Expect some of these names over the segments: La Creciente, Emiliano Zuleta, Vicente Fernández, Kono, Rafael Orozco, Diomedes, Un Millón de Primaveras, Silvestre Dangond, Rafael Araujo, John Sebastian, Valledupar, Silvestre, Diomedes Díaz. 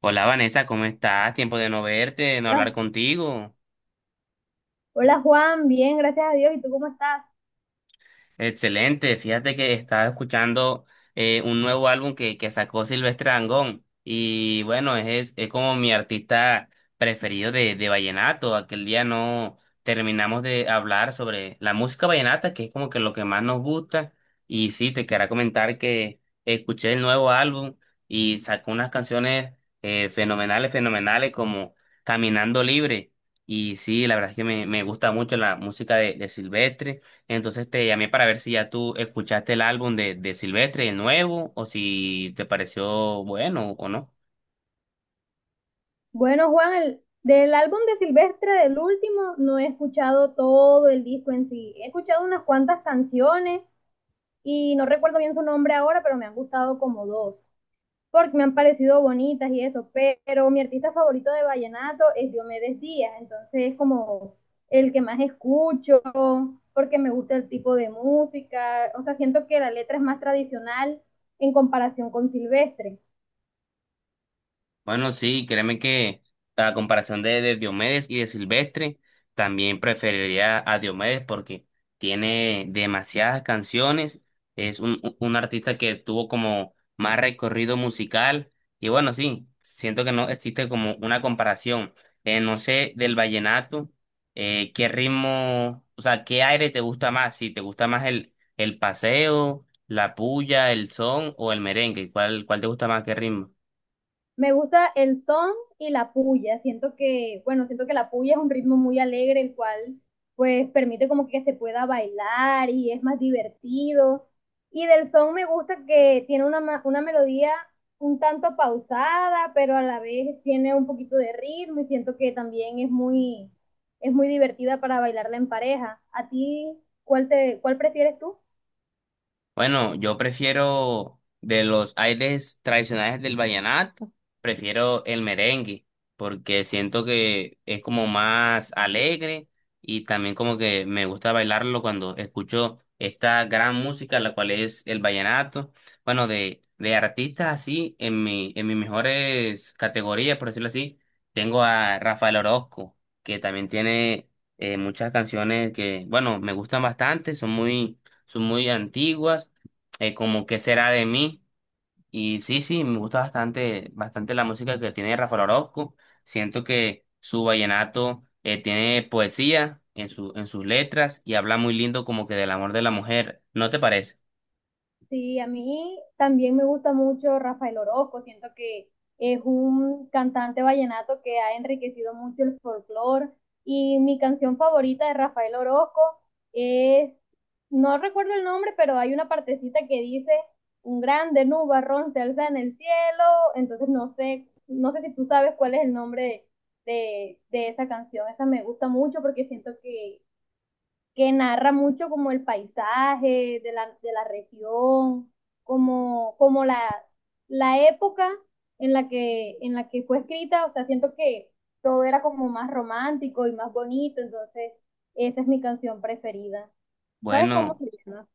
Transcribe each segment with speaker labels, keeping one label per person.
Speaker 1: Hola Vanessa, ¿cómo estás? Tiempo de no verte, de no hablar
Speaker 2: Hola,
Speaker 1: contigo.
Speaker 2: hola, Juan, bien, gracias a Dios. ¿Y tú cómo estás?
Speaker 1: Excelente, fíjate que estaba escuchando un nuevo álbum que sacó Silvestre Dangond y bueno, es como mi artista preferido de vallenato. Aquel día no terminamos de hablar sobre la música vallenata, que es como que lo que más nos gusta. Y sí, te quería comentar que escuché el nuevo álbum y sacó unas canciones fenomenales, fenomenales como Caminando Libre. Y sí, la verdad es que me gusta mucho la música de Silvestre. Entonces te llamé para ver si ya tú escuchaste el álbum de Silvestre, el nuevo, o si te pareció bueno o no.
Speaker 2: Bueno, Juan, del álbum de Silvestre, del último, no he escuchado todo el disco en sí. He escuchado unas cuantas canciones y no recuerdo bien su nombre ahora, pero me han gustado como dos, porque me han parecido bonitas y eso. Pero mi artista favorito de vallenato es Diomedes Díaz, entonces es como el que más escucho, porque me gusta el tipo de música. O sea, siento que la letra es más tradicional en comparación con Silvestre.
Speaker 1: Bueno, sí, créeme que a comparación de Diomedes y de Silvestre, también preferiría a Diomedes porque tiene demasiadas canciones, es un artista que tuvo como más recorrido musical y bueno, sí, siento que no existe como una comparación. No sé, del vallenato, ¿qué ritmo, o sea, qué aire te gusta más? Si te gusta más el paseo, la puya, el son o el merengue, ¿cuál, cuál te gusta más, qué ritmo?
Speaker 2: Me gusta el son y la puya. Siento que, bueno, siento que la puya es un ritmo muy alegre, el cual pues permite como que se pueda bailar y es más divertido. Y del son me gusta que tiene una melodía un tanto pausada, pero a la vez tiene un poquito de ritmo y siento que también es muy divertida para bailarla en pareja. ¿A ti cuál prefieres tú?
Speaker 1: Bueno, yo prefiero de los aires tradicionales del vallenato, prefiero el merengue, porque siento que es como más alegre y también como que me gusta bailarlo cuando escucho esta gran música, la cual es el vallenato. Bueno, de artistas así, en mis mejores categorías, por decirlo así, tengo a Rafael Orozco, que también tiene muchas canciones que, bueno, me gustan bastante, son muy antiguas, como ¿Qué será de mí? Y sí, me gusta bastante, bastante la música que tiene Rafael Orozco. Siento que su vallenato tiene poesía en en sus letras y habla muy lindo como que del amor de la mujer. ¿No te parece?
Speaker 2: Sí, a mí también me gusta mucho Rafael Orozco. Siento que es un cantante vallenato que ha enriquecido mucho el folclore, y mi canción favorita de Rafael Orozco es, no recuerdo el nombre, pero hay una partecita que dice, un grande nubarrón se alza en el cielo. Entonces no sé, no sé si tú sabes cuál es el nombre de esa canción. Esa me gusta mucho porque siento que narra mucho como el paisaje de de la región, como, como la, la época en la que fue escrita. O sea, siento que todo era como más romántico y más bonito, entonces esa es mi canción preferida. ¿Sabes cómo
Speaker 1: Bueno.
Speaker 2: se llama?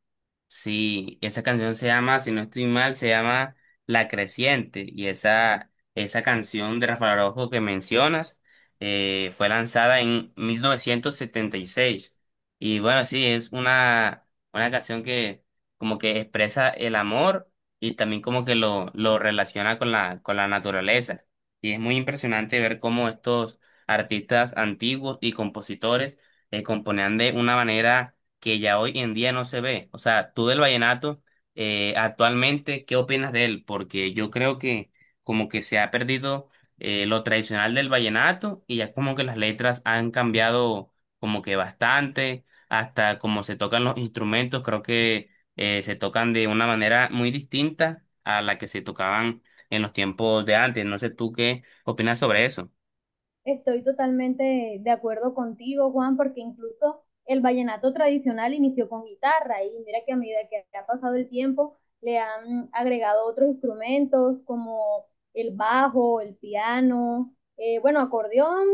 Speaker 1: Sí, esa canción se llama, si no estoy mal, se llama La Creciente. Y esa canción de Rafael Araujo que mencionas fue lanzada en 1976. Y seis. Y bueno, sí, es una canción que como que expresa el amor y también como que lo relaciona con la naturaleza. Y es muy impresionante ver cómo estos artistas antiguos y compositores componían de una manera que ya hoy en día no se ve. O sea, tú del vallenato, actualmente, ¿qué opinas de él? Porque yo creo que como que se ha perdido lo tradicional del vallenato y ya como que las letras han cambiado como que bastante, hasta como se tocan los instrumentos, creo que se tocan de una manera muy distinta a la que se tocaban en los tiempos de antes. No sé tú qué opinas sobre eso.
Speaker 2: Estoy totalmente de acuerdo contigo, Juan, porque incluso el vallenato tradicional inició con guitarra, y mira que a medida que ha pasado el tiempo le han agregado otros instrumentos como el bajo, el piano, bueno, acordeón.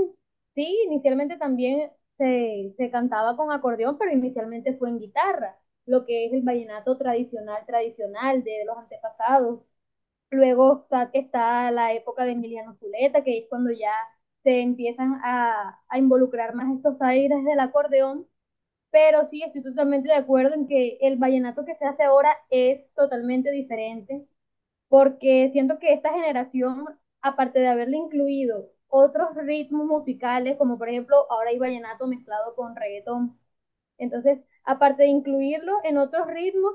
Speaker 2: Sí, inicialmente también se cantaba con acordeón, pero inicialmente fue en guitarra, lo que es el vallenato tradicional, tradicional de los antepasados. Luego está la época de Emiliano Zuleta, que es cuando ya se empiezan a involucrar más estos aires del acordeón. Pero sí, estoy totalmente de acuerdo en que el vallenato que se hace ahora es totalmente diferente, porque siento que esta generación, aparte de haberle incluido otros ritmos musicales, como por ejemplo ahora hay vallenato mezclado con reggaetón, entonces, aparte de incluirlo en otros ritmos,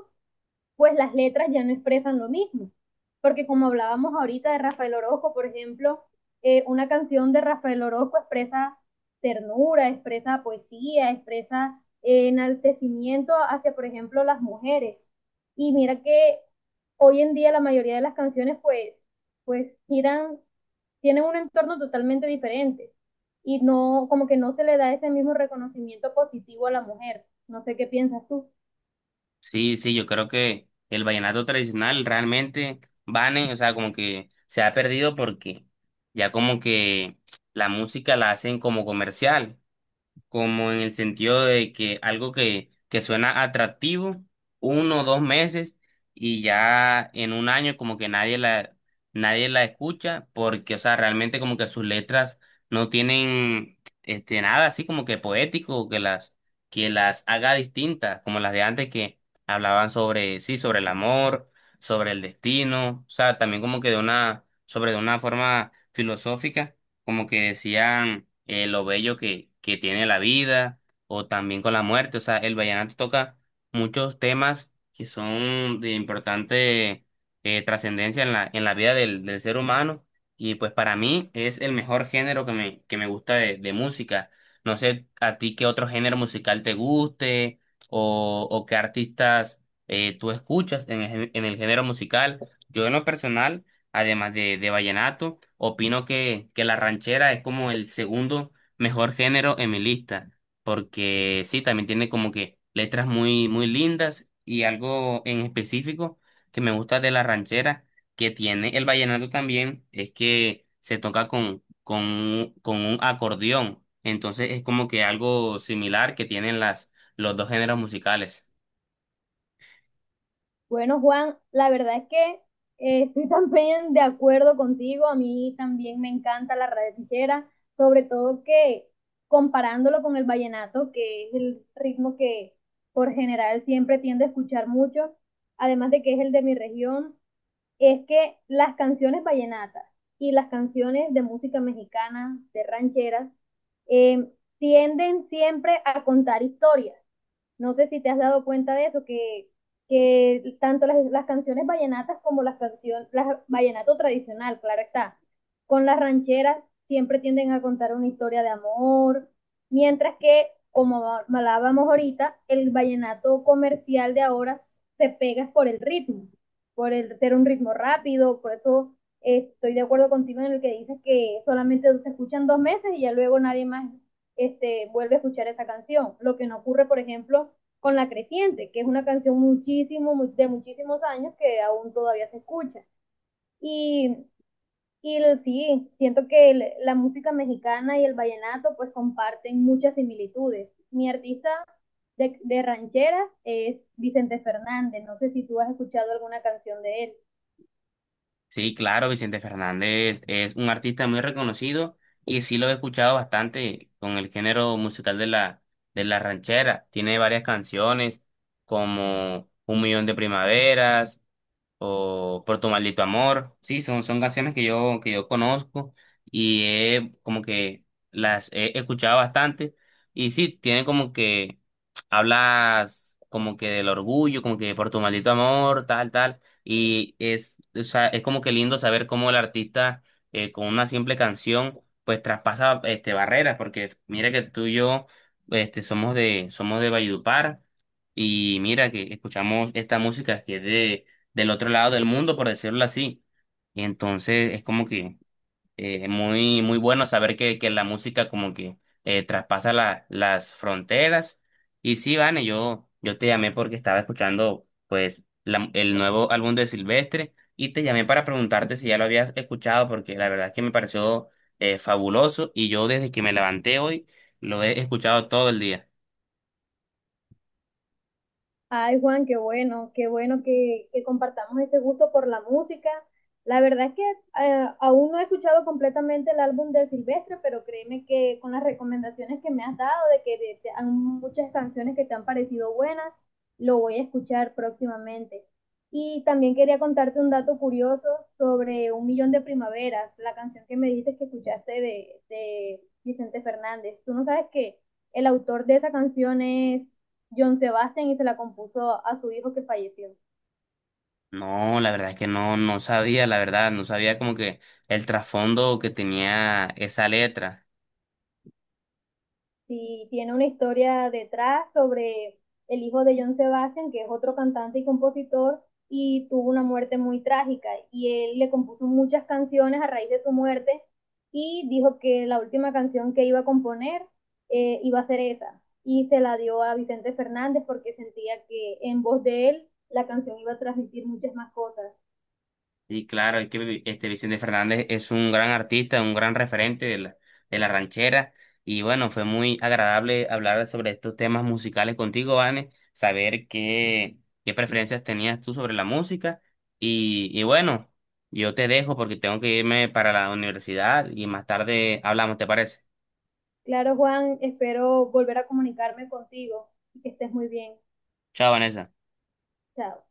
Speaker 2: pues las letras ya no expresan lo mismo. Porque como hablábamos ahorita de Rafael Orozco, por ejemplo, una canción de Rafael Orozco expresa ternura, expresa poesía, expresa enaltecimiento hacia, por ejemplo, las mujeres. Y mira que hoy en día la mayoría de las canciones pues giran, tienen un entorno totalmente diferente y no, como que no se le da ese mismo reconocimiento positivo a la mujer. No sé qué piensas tú.
Speaker 1: Sí, yo creo que el vallenato tradicional realmente, Vane, o sea, como que se ha perdido porque ya como que la música la hacen como comercial como en el sentido de que algo que suena atractivo, uno o dos meses, y ya en un año como que nadie la escucha, porque, o sea, realmente como que sus letras no tienen este, nada así como que poético, que las haga distintas, como las de antes que hablaban sobre, sí, sobre el amor, sobre el destino, o sea, también como que de una, sobre de una forma filosófica como que decían lo bello que tiene la vida o también con la muerte. O sea, el vallenato toca muchos temas que son de importante trascendencia en la vida del ser humano y pues para mí es el mejor género que que me gusta de música. No sé a ti qué otro género musical te guste o qué artistas tú escuchas en, el gé- en el género musical. Yo en lo personal además de vallenato. Opino que la ranchera es como el segundo mejor género en mi lista, porque sí, también tiene como que letras muy, muy lindas y algo en específico que me gusta de la ranchera que tiene el vallenato también es que se toca con un acordeón. Entonces es como que algo similar que tienen los dos géneros musicales.
Speaker 2: Bueno, Juan, la verdad es que estoy también de acuerdo contigo. A mí también me encanta la ranchera, sobre todo que comparándolo con el vallenato, que es el ritmo que por general siempre tiendo a escuchar mucho, además de que es el de mi región, es que las canciones vallenatas y las canciones de música mexicana, de rancheras, eh, tienden siempre a contar historias. No sé si te has dado cuenta de eso, que tanto las canciones vallenatas como las canciones, las vallenato tradicional, claro está, con las rancheras siempre tienden a contar una historia de amor, mientras que, como hablábamos ahorita, el vallenato comercial de ahora se pega es por el ritmo, por el ser un ritmo rápido. Por eso estoy de acuerdo contigo en el que dices que solamente se escuchan dos meses y ya luego nadie más este, vuelve a escuchar esa canción. Lo que no ocurre, por ejemplo, con La Creciente, que es una canción muchísimo, de muchísimos años que aún todavía se escucha. Y, y el, sí, siento que la música mexicana y el vallenato pues comparten muchas similitudes. Mi artista de rancheras es Vicente Fernández. No sé si tú has escuchado alguna canción de él.
Speaker 1: Sí, claro, Vicente Fernández es un artista muy reconocido y sí lo he escuchado bastante con el género musical de la ranchera. Tiene varias canciones como Un Millón de Primaveras, o Por tu maldito amor. Sí, son canciones que que yo conozco y como que las he escuchado bastante. Y sí, tiene como que hablas como que del orgullo, como que por tu maldito amor, tal, tal. Y es, o sea, es como que lindo saber cómo el artista con una simple canción pues traspasa este, barreras, porque mira que tú y yo este, somos de Valledupar. Y mira que escuchamos esta música que es del otro lado del mundo, por decirlo así. Y entonces es como que muy, muy bueno saber que la música como que traspasa las fronteras. Y sí, Vane, yo te llamé porque estaba escuchando pues el nuevo álbum de Silvestre y te llamé para preguntarte si ya lo habías escuchado porque la verdad es que me pareció fabuloso y yo desde que me levanté hoy lo he escuchado todo el día.
Speaker 2: Ay, Juan, qué bueno que compartamos ese gusto por la música. La verdad es que aún no he escuchado completamente el álbum de Silvestre, pero créeme que con las recomendaciones que me has dado, de que de te han muchas canciones que te han parecido buenas, lo voy a escuchar próximamente. Y también quería contarte un dato curioso sobre Un Millón de Primaveras, la canción que me dijiste que escuchaste de Vicente Fernández. Tú no sabes que el autor de esa canción es John Sebastian y se la compuso a su hijo que falleció.
Speaker 1: No, la verdad es que no, no sabía, la verdad, no sabía como que el trasfondo que tenía esa letra.
Speaker 2: Sí, tiene una historia detrás sobre el hijo de John Sebastian, que es otro cantante y compositor, y tuvo una muerte muy trágica. Y él le compuso muchas canciones a raíz de su muerte y dijo que la última canción que iba a componer iba a ser esa. Y se la dio a Vicente Fernández porque sentía que en voz de él la canción iba a transmitir muchas más cosas.
Speaker 1: Y claro, es que Vicente Fernández es un gran artista, un gran referente de la ranchera. Y bueno, fue muy agradable hablar sobre estos temas musicales contigo, Vane, saber qué, qué preferencias tenías tú sobre la música. Y bueno, yo te dejo porque tengo que irme para la universidad y más tarde hablamos, ¿te parece?
Speaker 2: Claro, Juan, espero volver a comunicarme contigo y que estés muy bien.
Speaker 1: Chao, Vanessa.
Speaker 2: Chao.